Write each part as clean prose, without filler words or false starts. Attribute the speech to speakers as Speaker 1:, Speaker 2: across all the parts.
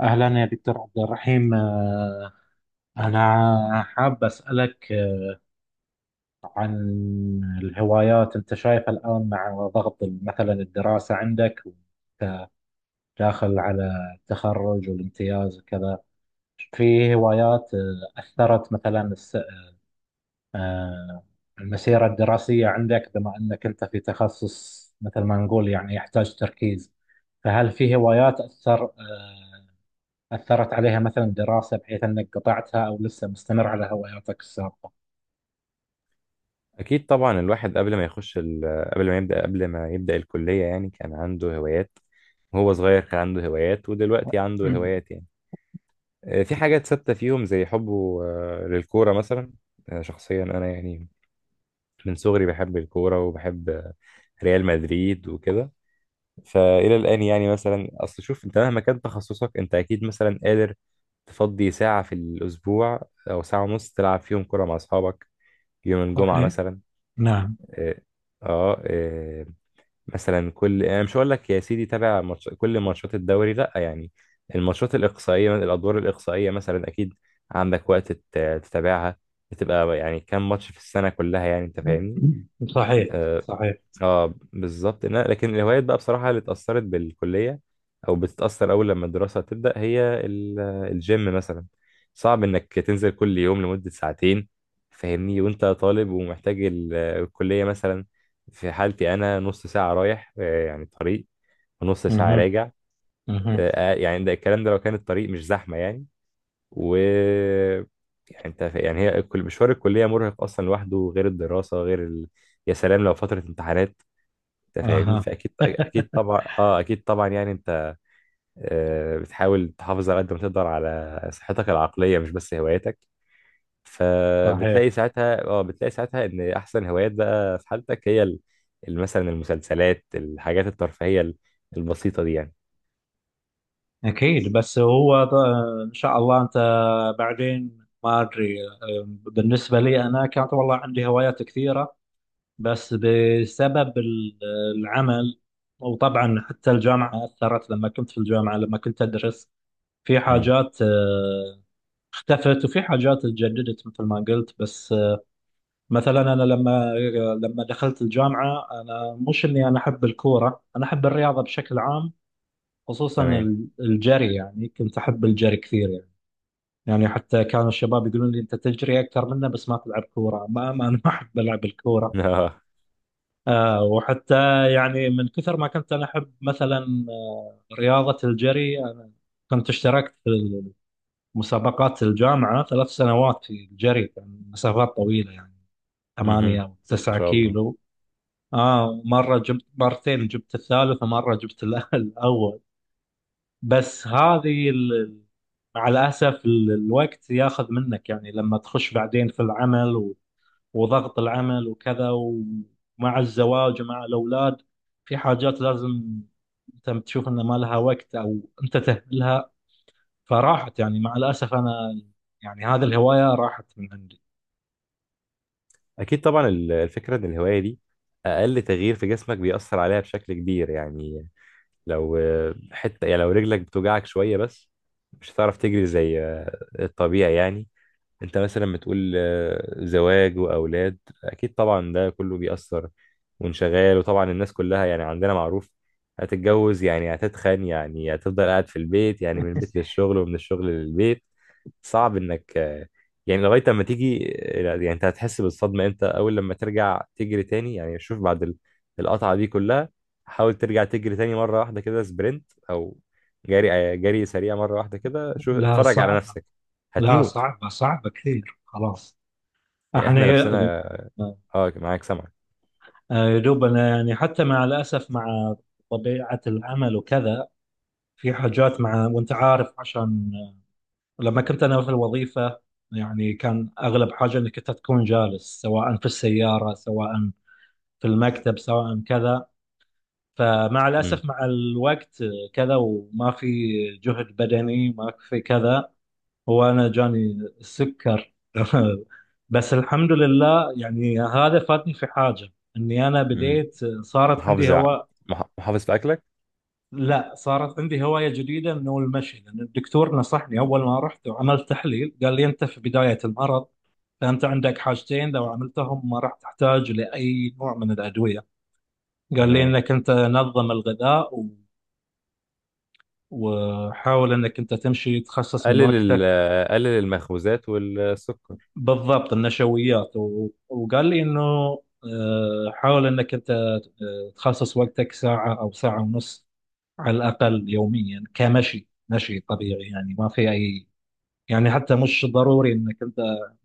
Speaker 1: أهلا يا دكتور عبد الرحيم، أنا حاب أسألك عن الهوايات. أنت شايف الآن مع ضغط مثلا الدراسة عندك داخل على التخرج والامتياز وكذا، في هوايات أثرت مثلا آه، المسيرة الدراسية عندك، بما أنك أنت في تخصص مثل ما نقول يعني يحتاج تركيز، فهل في هوايات أثرت عليها مثلا دراسة، بحيث أنك قطعتها أو لسه مستمر على هواياتك السابقة؟
Speaker 2: أكيد طبعا الواحد قبل ما يبدأ قبل ما يبدأ الكلية يعني كان عنده هوايات، وهو صغير كان عنده هوايات ودلوقتي عنده هوايات يعني. في حاجات ثابتة فيهم زي حبه للكورة مثلا. شخصيا أنا يعني من صغري بحب الكورة وبحب ريال مدريد وكده. فإلى الآن يعني مثلا أصل شوف أنت مهما كان تخصصك أنت أكيد مثلا قادر تفضي ساعة في الأسبوع أو ساعة ونص تلعب فيهم كورة مع أصحابك يوم الجمعة
Speaker 1: صحيح.
Speaker 2: مثلا.
Speaker 1: نعم.
Speaker 2: اه. آه، مثلا كل، انا مش هقول لك يا سيدي كل ماتشات الدوري لا يعني، الماتشات الاقصائيه الادوار الاقصائيه مثلا اكيد عندك وقت تتابعها. بتبقى يعني كام ماتش في السنه كلها يعني انت فاهمني.
Speaker 1: صحيح.
Speaker 2: آه،
Speaker 1: صحيح.
Speaker 2: اه بالظبط. لكن الهوايات بقى بصراحة اللي اتأثرت بالكلية أو بتتأثر أول لما الدراسة تبدأ هي الجيم مثلا. صعب إنك تنزل كل يوم لمدة ساعتين، فاهمني، وأنت طالب ومحتاج الكلية مثلا. في حالتي أنا نص ساعة رايح، يعني طريق، ونص ساعة
Speaker 1: اها.
Speaker 2: راجع.
Speaker 1: اها.
Speaker 2: يعني ده الكلام ده لو كان الطريق مش زحمة يعني. و يعني يعني هي مشوار الكلية مرهق أصلا لوحده، غير الدراسة غير ال... يا سلام لو فترة امتحانات، انت فاهمني.
Speaker 1: اها.
Speaker 2: فاكيد اكيد طبعا اه اكيد طبعا يعني انت. بتحاول تحافظ على قد ما تقدر على صحتك العقليه، مش بس هواياتك.
Speaker 1: صحيح.
Speaker 2: فبتلاقي ساعتها اه بتلاقي ساعتها ان احسن هوايات بقى في حالتك هي مثلا المسلسلات، الحاجات الترفيهيه البسيطه دي يعني.
Speaker 1: اكيد. بس ان شاء الله انت بعدين ما ادري. بالنسبه لي انا كانت والله عندي هوايات كثيره، بس بسبب العمل، وطبعا حتى الجامعه اثرت، لما كنت في الجامعه لما كنت ادرس في
Speaker 2: امم.
Speaker 1: حاجات اختفت وفي حاجات اتجددت مثل ما قلت. بس مثلا انا لما دخلت الجامعه، انا مش اني انا احب الكوره، انا احب الرياضه بشكل عام، خصوصا
Speaker 2: تمام.
Speaker 1: الجري. يعني كنت احب الجري كثير يعني حتى كانوا الشباب يقولون لي انت تجري اكثر منا، بس ما تلعب كوره. ما انا ما احب العب الكوره.
Speaker 2: اه.
Speaker 1: وحتى يعني من كثر ما كنت انا احب مثلا رياضه الجري. كنت اشتركت في مسابقات الجامعه 3 سنوات في الجري، كان مسافات طويله يعني،
Speaker 2: مهم.
Speaker 1: ثمانية أو
Speaker 2: ما
Speaker 1: تسعة
Speaker 2: شاء الله.
Speaker 1: كيلو آه، مرة جبت مرتين، جبت الثالث، ومرة جبت الأول. بس هذه مع الأسف الوقت ياخذ منك يعني، لما تخش بعدين في العمل وضغط العمل وكذا، ومع الزواج ومع الأولاد، في حاجات لازم أنت تشوف أن ما لها وقت، أو أنت تهملها، فراحت يعني. مع الأسف، أنا يعني هذه الهواية راحت من عندي.
Speaker 2: اكيد طبعا الفكره ان الهوايه دي اقل تغيير في جسمك بيأثر عليها بشكل كبير يعني. لو حتة يعني لو رجلك بتوجعك شوية بس، مش هتعرف تجري زي الطبيعي يعني. انت مثلا بتقول زواج وأولاد، أكيد طبعا ده كله بيأثر وانشغال. وطبعا الناس كلها يعني عندنا معروف، هتتجوز يعني هتتخن يعني هتفضل قاعد في البيت يعني، من البيت للشغل ومن الشغل للبيت. صعب انك يعني لغايه لما تيجي يعني. انت هتحس بالصدمه امتى؟ اول لما ترجع تجري تاني يعني. شوف بعد القطعه دي كلها، حاول ترجع تجري تاني مره واحده كده سبرنت او جري، جري سريع مره واحده كده، شوف
Speaker 1: لا،
Speaker 2: اتفرج على
Speaker 1: صعبة.
Speaker 2: نفسك.
Speaker 1: لا،
Speaker 2: هتموت
Speaker 1: صعبة، صعبة كثير. خلاص.
Speaker 2: يعني.
Speaker 1: احنا
Speaker 2: احنا
Speaker 1: يا
Speaker 2: نفسنا. اه معاك، سمعك.
Speaker 1: يا دوب انا يعني، حتى مع الاسف مع طبيعه العمل وكذا، في حاجات، مع وانت عارف، عشان لما كنت انا في الوظيفه، يعني كان اغلب حاجه انك انت تكون جالس، سواء في السياره، سواء في المكتب، سواء كذا. فمع
Speaker 2: امم.
Speaker 1: الاسف مع الوقت كذا، وما في جهد بدني، ما في كذا. هو أنا جاني السكر. بس الحمد لله يعني هذا فاتني في حاجة، إني أنا
Speaker 2: امم.
Speaker 1: بديت، صارت عندي
Speaker 2: محافظ ع-
Speaker 1: هواء.
Speaker 2: محافظ في اكلك.
Speaker 1: لا، صارت عندي هواية جديدة، إنه المشي. لأن الدكتور نصحني، أول ما رحت وعملت تحليل قال لي: أنت في بداية المرض، فأنت عندك حاجتين، لو عملتهم ما راح تحتاج لأي نوع من الأدوية. قال لي:
Speaker 2: تمام.
Speaker 1: إنك أنت نظم الغذاء وحاول إنك أنت تمشي، تخصص من
Speaker 2: قلل
Speaker 1: وقتك.
Speaker 2: قلل المخبوزات والسكر.
Speaker 1: بالضبط، النشويات. وقال لي انه حاول انك انت تخصص وقتك ساعة او ساعة ونص على الاقل يوميا، كمشي، مشي طبيعي يعني، ما في اي يعني، حتى مش ضروري انك انت.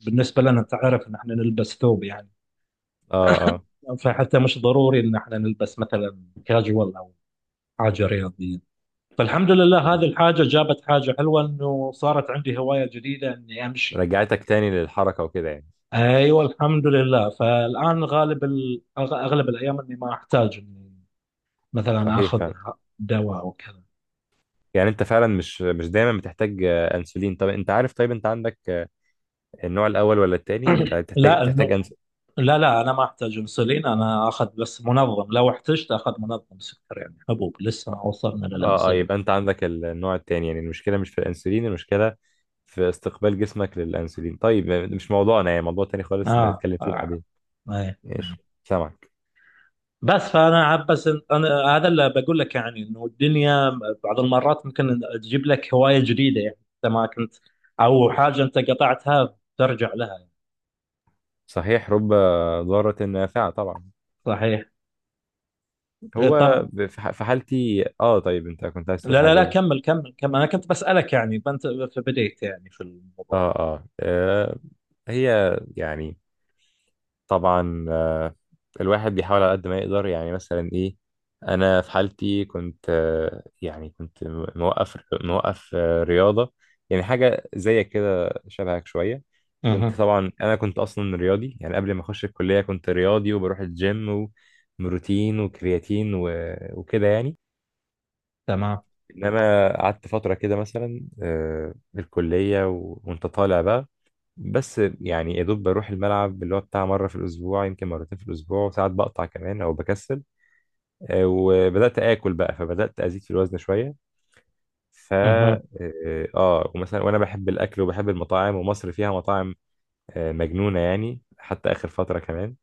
Speaker 1: بالنسبة لنا انت عارف ان احنا نلبس ثوب يعني،
Speaker 2: اه. اه.
Speaker 1: فحتى مش ضروري ان احنا نلبس مثلا كاجوال او حاجة رياضية. فالحمد لله
Speaker 2: مم.
Speaker 1: هذه الحاجة جابت حاجة حلوة، انه صارت عندي هواية جديدة اني امشي يعني.
Speaker 2: رجعتك تاني للحركه وكده يعني.
Speaker 1: ايوه، الحمد لله فالان اغلب الايام اني ما احتاج اني مثلا
Speaker 2: صحيح
Speaker 1: اخذ
Speaker 2: فعلا.
Speaker 1: دواء او كذا.
Speaker 2: يعني انت فعلا مش دايما بتحتاج انسولين. طب انت عارف، طيب انت عندك النوع الاول ولا التاني؟ انت بتحتاج،
Speaker 1: لا، انه. لا، لا، انا ما احتاج انسولين، انا اخذ بس منظم، لو احتجت اخذ منظم سكر يعني، حبوب، لسه ما
Speaker 2: اه.
Speaker 1: وصلنا
Speaker 2: اه
Speaker 1: للانسولين.
Speaker 2: يبقى انت عندك النوع التاني يعني. المشكله مش في الانسولين، المشكله في استقبال جسمك للانسولين. طيب مش موضوعنا، يعني موضوع تاني خالص، نبقى
Speaker 1: اه،
Speaker 2: نتكلم فيه
Speaker 1: آه.
Speaker 2: بعدين.
Speaker 1: أي. نعم.
Speaker 2: ماشي سامعك.
Speaker 1: بس فانا عب- بس إن- انا هذا اللي بقول لك يعني، انه الدنيا بعض المرات ممكن تجيب لك هوايه جديده، يعني انت ما كنت، او حاجه انت قطعتها ترجع لها يعني.
Speaker 2: صحيح، رب ضارة نافعة طبعا.
Speaker 1: صحيح.
Speaker 2: هو
Speaker 1: طب،
Speaker 2: ب- في ح- في حالتي اه. طيب انت كنت عايز تقول
Speaker 1: لا، لا،
Speaker 2: حاجه،
Speaker 1: لا،
Speaker 2: قول.
Speaker 1: كمل كمل كمل. أنا كنت بسألك يعني بنت، فبديت يعني في الموضوع.
Speaker 2: اه اه هي يعني، طبعا الواحد بيحاول على قد ما يقدر يعني. مثلا ايه، انا في حالتي كنت، يعني كنت موقف، موقف رياضه يعني. حاجه زيك كده، شبهك شويه. كنت
Speaker 1: اها.
Speaker 2: طبعا انا كنت اصلا رياضي يعني، قبل ما اخش الكليه كنت رياضي وبروح الجيم وبروتين وكرياتين وكده يعني.
Speaker 1: تمام.
Speaker 2: انما قعدت فتره كده مثلا في الكليه، وانت طالع بقى، بس يعني يا دوب بروح الملعب اللي هو بتاع مرة في الأسبوع يمكن مرتين في الأسبوع، وساعات بقطع كمان أو بكسل. وبدأت آكل بقى، فبدأت أزيد في الوزن شوية. فا
Speaker 1: اها.
Speaker 2: ومثلا وأنا بحب الأكل وبحب المطاعم، ومصر فيها مطاعم مجنونة يعني، حتى آخر فترة كمان.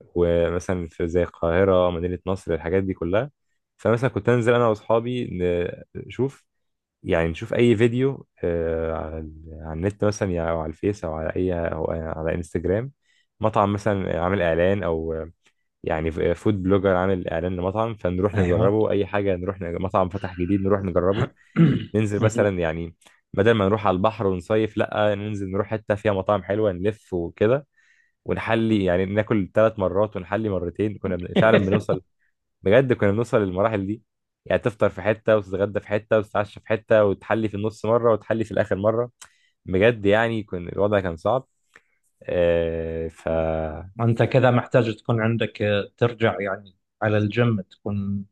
Speaker 2: ومثلا في زي القاهرة، مدينة نصر، الحاجات دي كلها. فمثلا كنت أنزل أنا وأصحابي نشوف، يعني نشوف اي فيديو على على النت مثلا يعني، او على الفيس او على اي او على انستجرام، مطعم مثلا عامل اعلان او يعني فود بلوجر عامل اعلان لمطعم، فنروح
Speaker 1: أيوه.
Speaker 2: نجربه. اي حاجه نروح مطعم فتح جديد نروح نجربه. ننزل مثلا
Speaker 1: أها.
Speaker 2: يعني بدل ما نروح على البحر ونصيف، لا ننزل نروح حته فيها مطاعم حلوه، نلف وكده ونحلي يعني. ناكل ثلاث مرات ونحلي مرتين، فعلا بنوصل، بجد كنا بنوصل للمراحل دي يعني. تفطر في حتة وتتغدى في حتة وتتعشى في حتة وتحلي في النص مرة وتحلي في الآخر مرة، بجد يعني كان الوضع كان صعب. آه ف اه.
Speaker 1: أنت كذا محتاج تكون عندك ترجع يعني على الجيم، تكون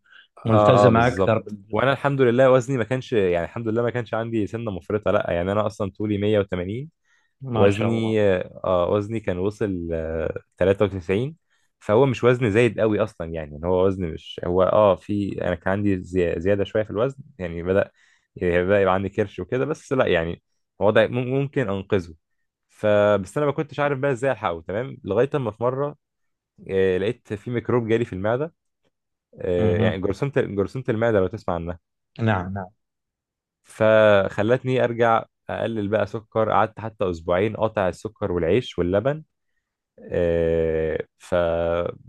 Speaker 2: اه
Speaker 1: ملتزمة أكثر
Speaker 2: بالظبط.
Speaker 1: بالجيم.
Speaker 2: وانا الحمد لله وزني ما كانش يعني، الحمد لله ما كانش عندي سنة مفرطة لا يعني، انا اصلا طولي 180،
Speaker 1: ما شاء الله.
Speaker 2: وزني اه وزني كان وصل آه 93. فهو مش وزن زايد قوي اصلا يعني، ان هو وزن مش هو اه في، انا كان عندي زياده شويه في الوزن يعني. يعني بدأ يبقى عندي كرش وكده، بس لا يعني هو ده ممكن انقذه. فبس انا ما كنتش عارف بقى ازاي الحقه تمام، لغايه اما في مره لقيت في ميكروب جالي في المعده،
Speaker 1: أها.
Speaker 2: يعني جرثومه، جرثومه المعده لو تسمع عنها.
Speaker 1: نعم، نعم.
Speaker 2: فخلتني ارجع اقلل بقى سكر، قعدت حتى اسبوعين قاطع السكر والعيش واللبن. ف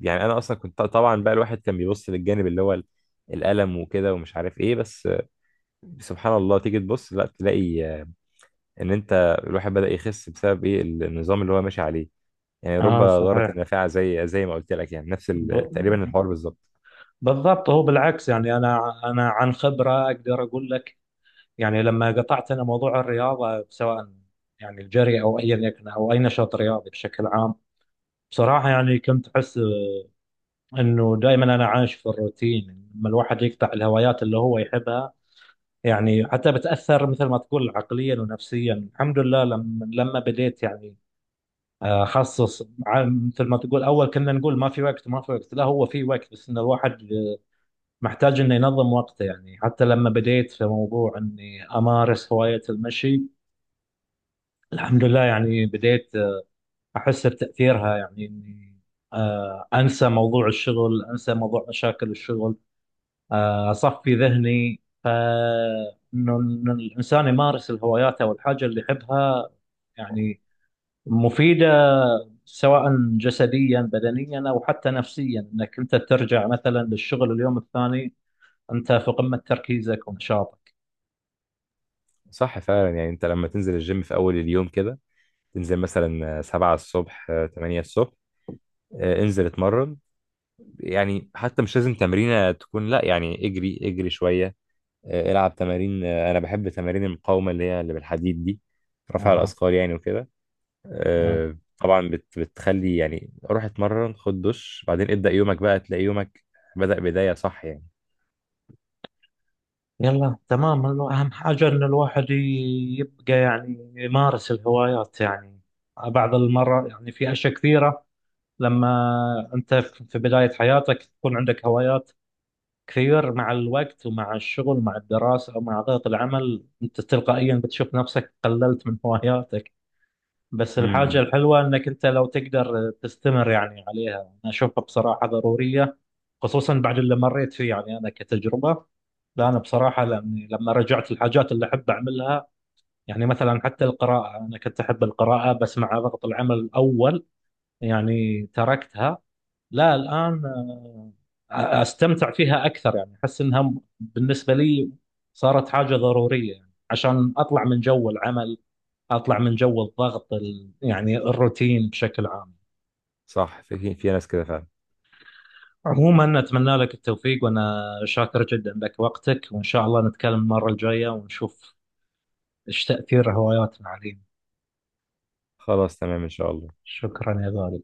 Speaker 2: يعني انا اصلا كنت طبعا بقى الواحد كان بيبص للجانب اللي هو الالم وكده ومش عارف ايه، بس سبحان الله تيجي تبص لا تلاقي ان انت الواحد بدأ يخس بسبب ايه، النظام اللي هو ماشي عليه. يعني رب
Speaker 1: آه،
Speaker 2: ضارة
Speaker 1: صحيح.
Speaker 2: نافعة زي ما قلت لك يعني، نفس
Speaker 1: ب...
Speaker 2: تقريبا الحوار بالظبط.
Speaker 1: بالضبط. هو بالعكس يعني، أنا عن خبرة أقدر أقول لك، يعني لما قطعت أنا موضوع الرياضة، سواء يعني الجري أو أيا يكن، أو أي نشاط رياضي بشكل عام، بصراحة يعني كنت أحس إنه دائما أنا عايش في الروتين. لما الواحد يقطع الهوايات اللي هو يحبها، يعني حتى بتأثر مثل ما تقول عقليا ونفسيا. الحمد لله لما بديت يعني أخصص، مثل ما تقول، أول كنا نقول ما في وقت، ما في وقت. لا، هو في وقت، بس إن الواحد محتاج إنه ينظم وقته يعني. حتى لما بديت في موضوع إني أمارس هواية المشي، الحمد لله يعني بديت احس بتاثيرها، يعني اني انسى موضوع الشغل، انسى موضوع مشاكل الشغل، اصفي ذهني. ف إنه الانسان يمارس الهوايات او الحاجه اللي يحبها، يعني مفيده، سواء جسديا بدنيا، او حتى نفسيا، انك انت ترجع مثلا للشغل اليوم الثاني، انت في قمه تركيزك ونشاطك.
Speaker 2: صح فعلا. يعني انت لما تنزل الجيم في اول اليوم كده، تنزل مثلا 7 الصبح 8 الصبح، انزل اتمرن يعني. حتى مش لازم تمرينة تكون، لا يعني اجري، شوية، العب تمارين. انا بحب تمارين المقاومه اللي هي اللي بالحديد دي، رفع
Speaker 1: اها.
Speaker 2: الاثقال يعني وكده. طبعا بتخلي يعني، روح اتمرن خد دش بعدين ابدا يومك، بقى تلاقي يومك بدأ بدايه صح يعني.
Speaker 1: يلا، تمام. هو أهم حاجة إن الواحد يبقى يعني يمارس الهوايات يعني. بعض المرة يعني في أشياء كثيرة، لما أنت في بداية حياتك تكون عندك هوايات كثير، مع الوقت ومع الشغل ومع الدراسة ومع ضغط العمل، أنت تلقائيا بتشوف نفسك قللت من هواياتك. بس الحاجة
Speaker 2: امم.
Speaker 1: الحلوة إنك أنت لو تقدر تستمر يعني عليها، أنا أشوفها بصراحة ضرورية، خصوصا بعد اللي مريت فيه يعني انا كتجربه. لا، انا بصراحه لاني لما رجعت الحاجات اللي احب اعملها، يعني مثلا حتى القراءه انا كنت احب القراءه، بس مع ضغط العمل الاول يعني تركتها. لا، الان استمتع فيها اكثر، يعني احس انها بالنسبه لي صارت حاجه ضروريه يعني، عشان اطلع من جو العمل، اطلع من جو الضغط، يعني الروتين بشكل عام.
Speaker 2: صح في في ناس كده فعلا.
Speaker 1: عموما أتمنى لك التوفيق، وأنا شاكر جدا لك وقتك، وإن شاء الله نتكلم المرة الجاية ونشوف إيش تأثير هواياتنا علينا.
Speaker 2: خلاص تمام ان شاء الله.
Speaker 1: شكرا يا غالي.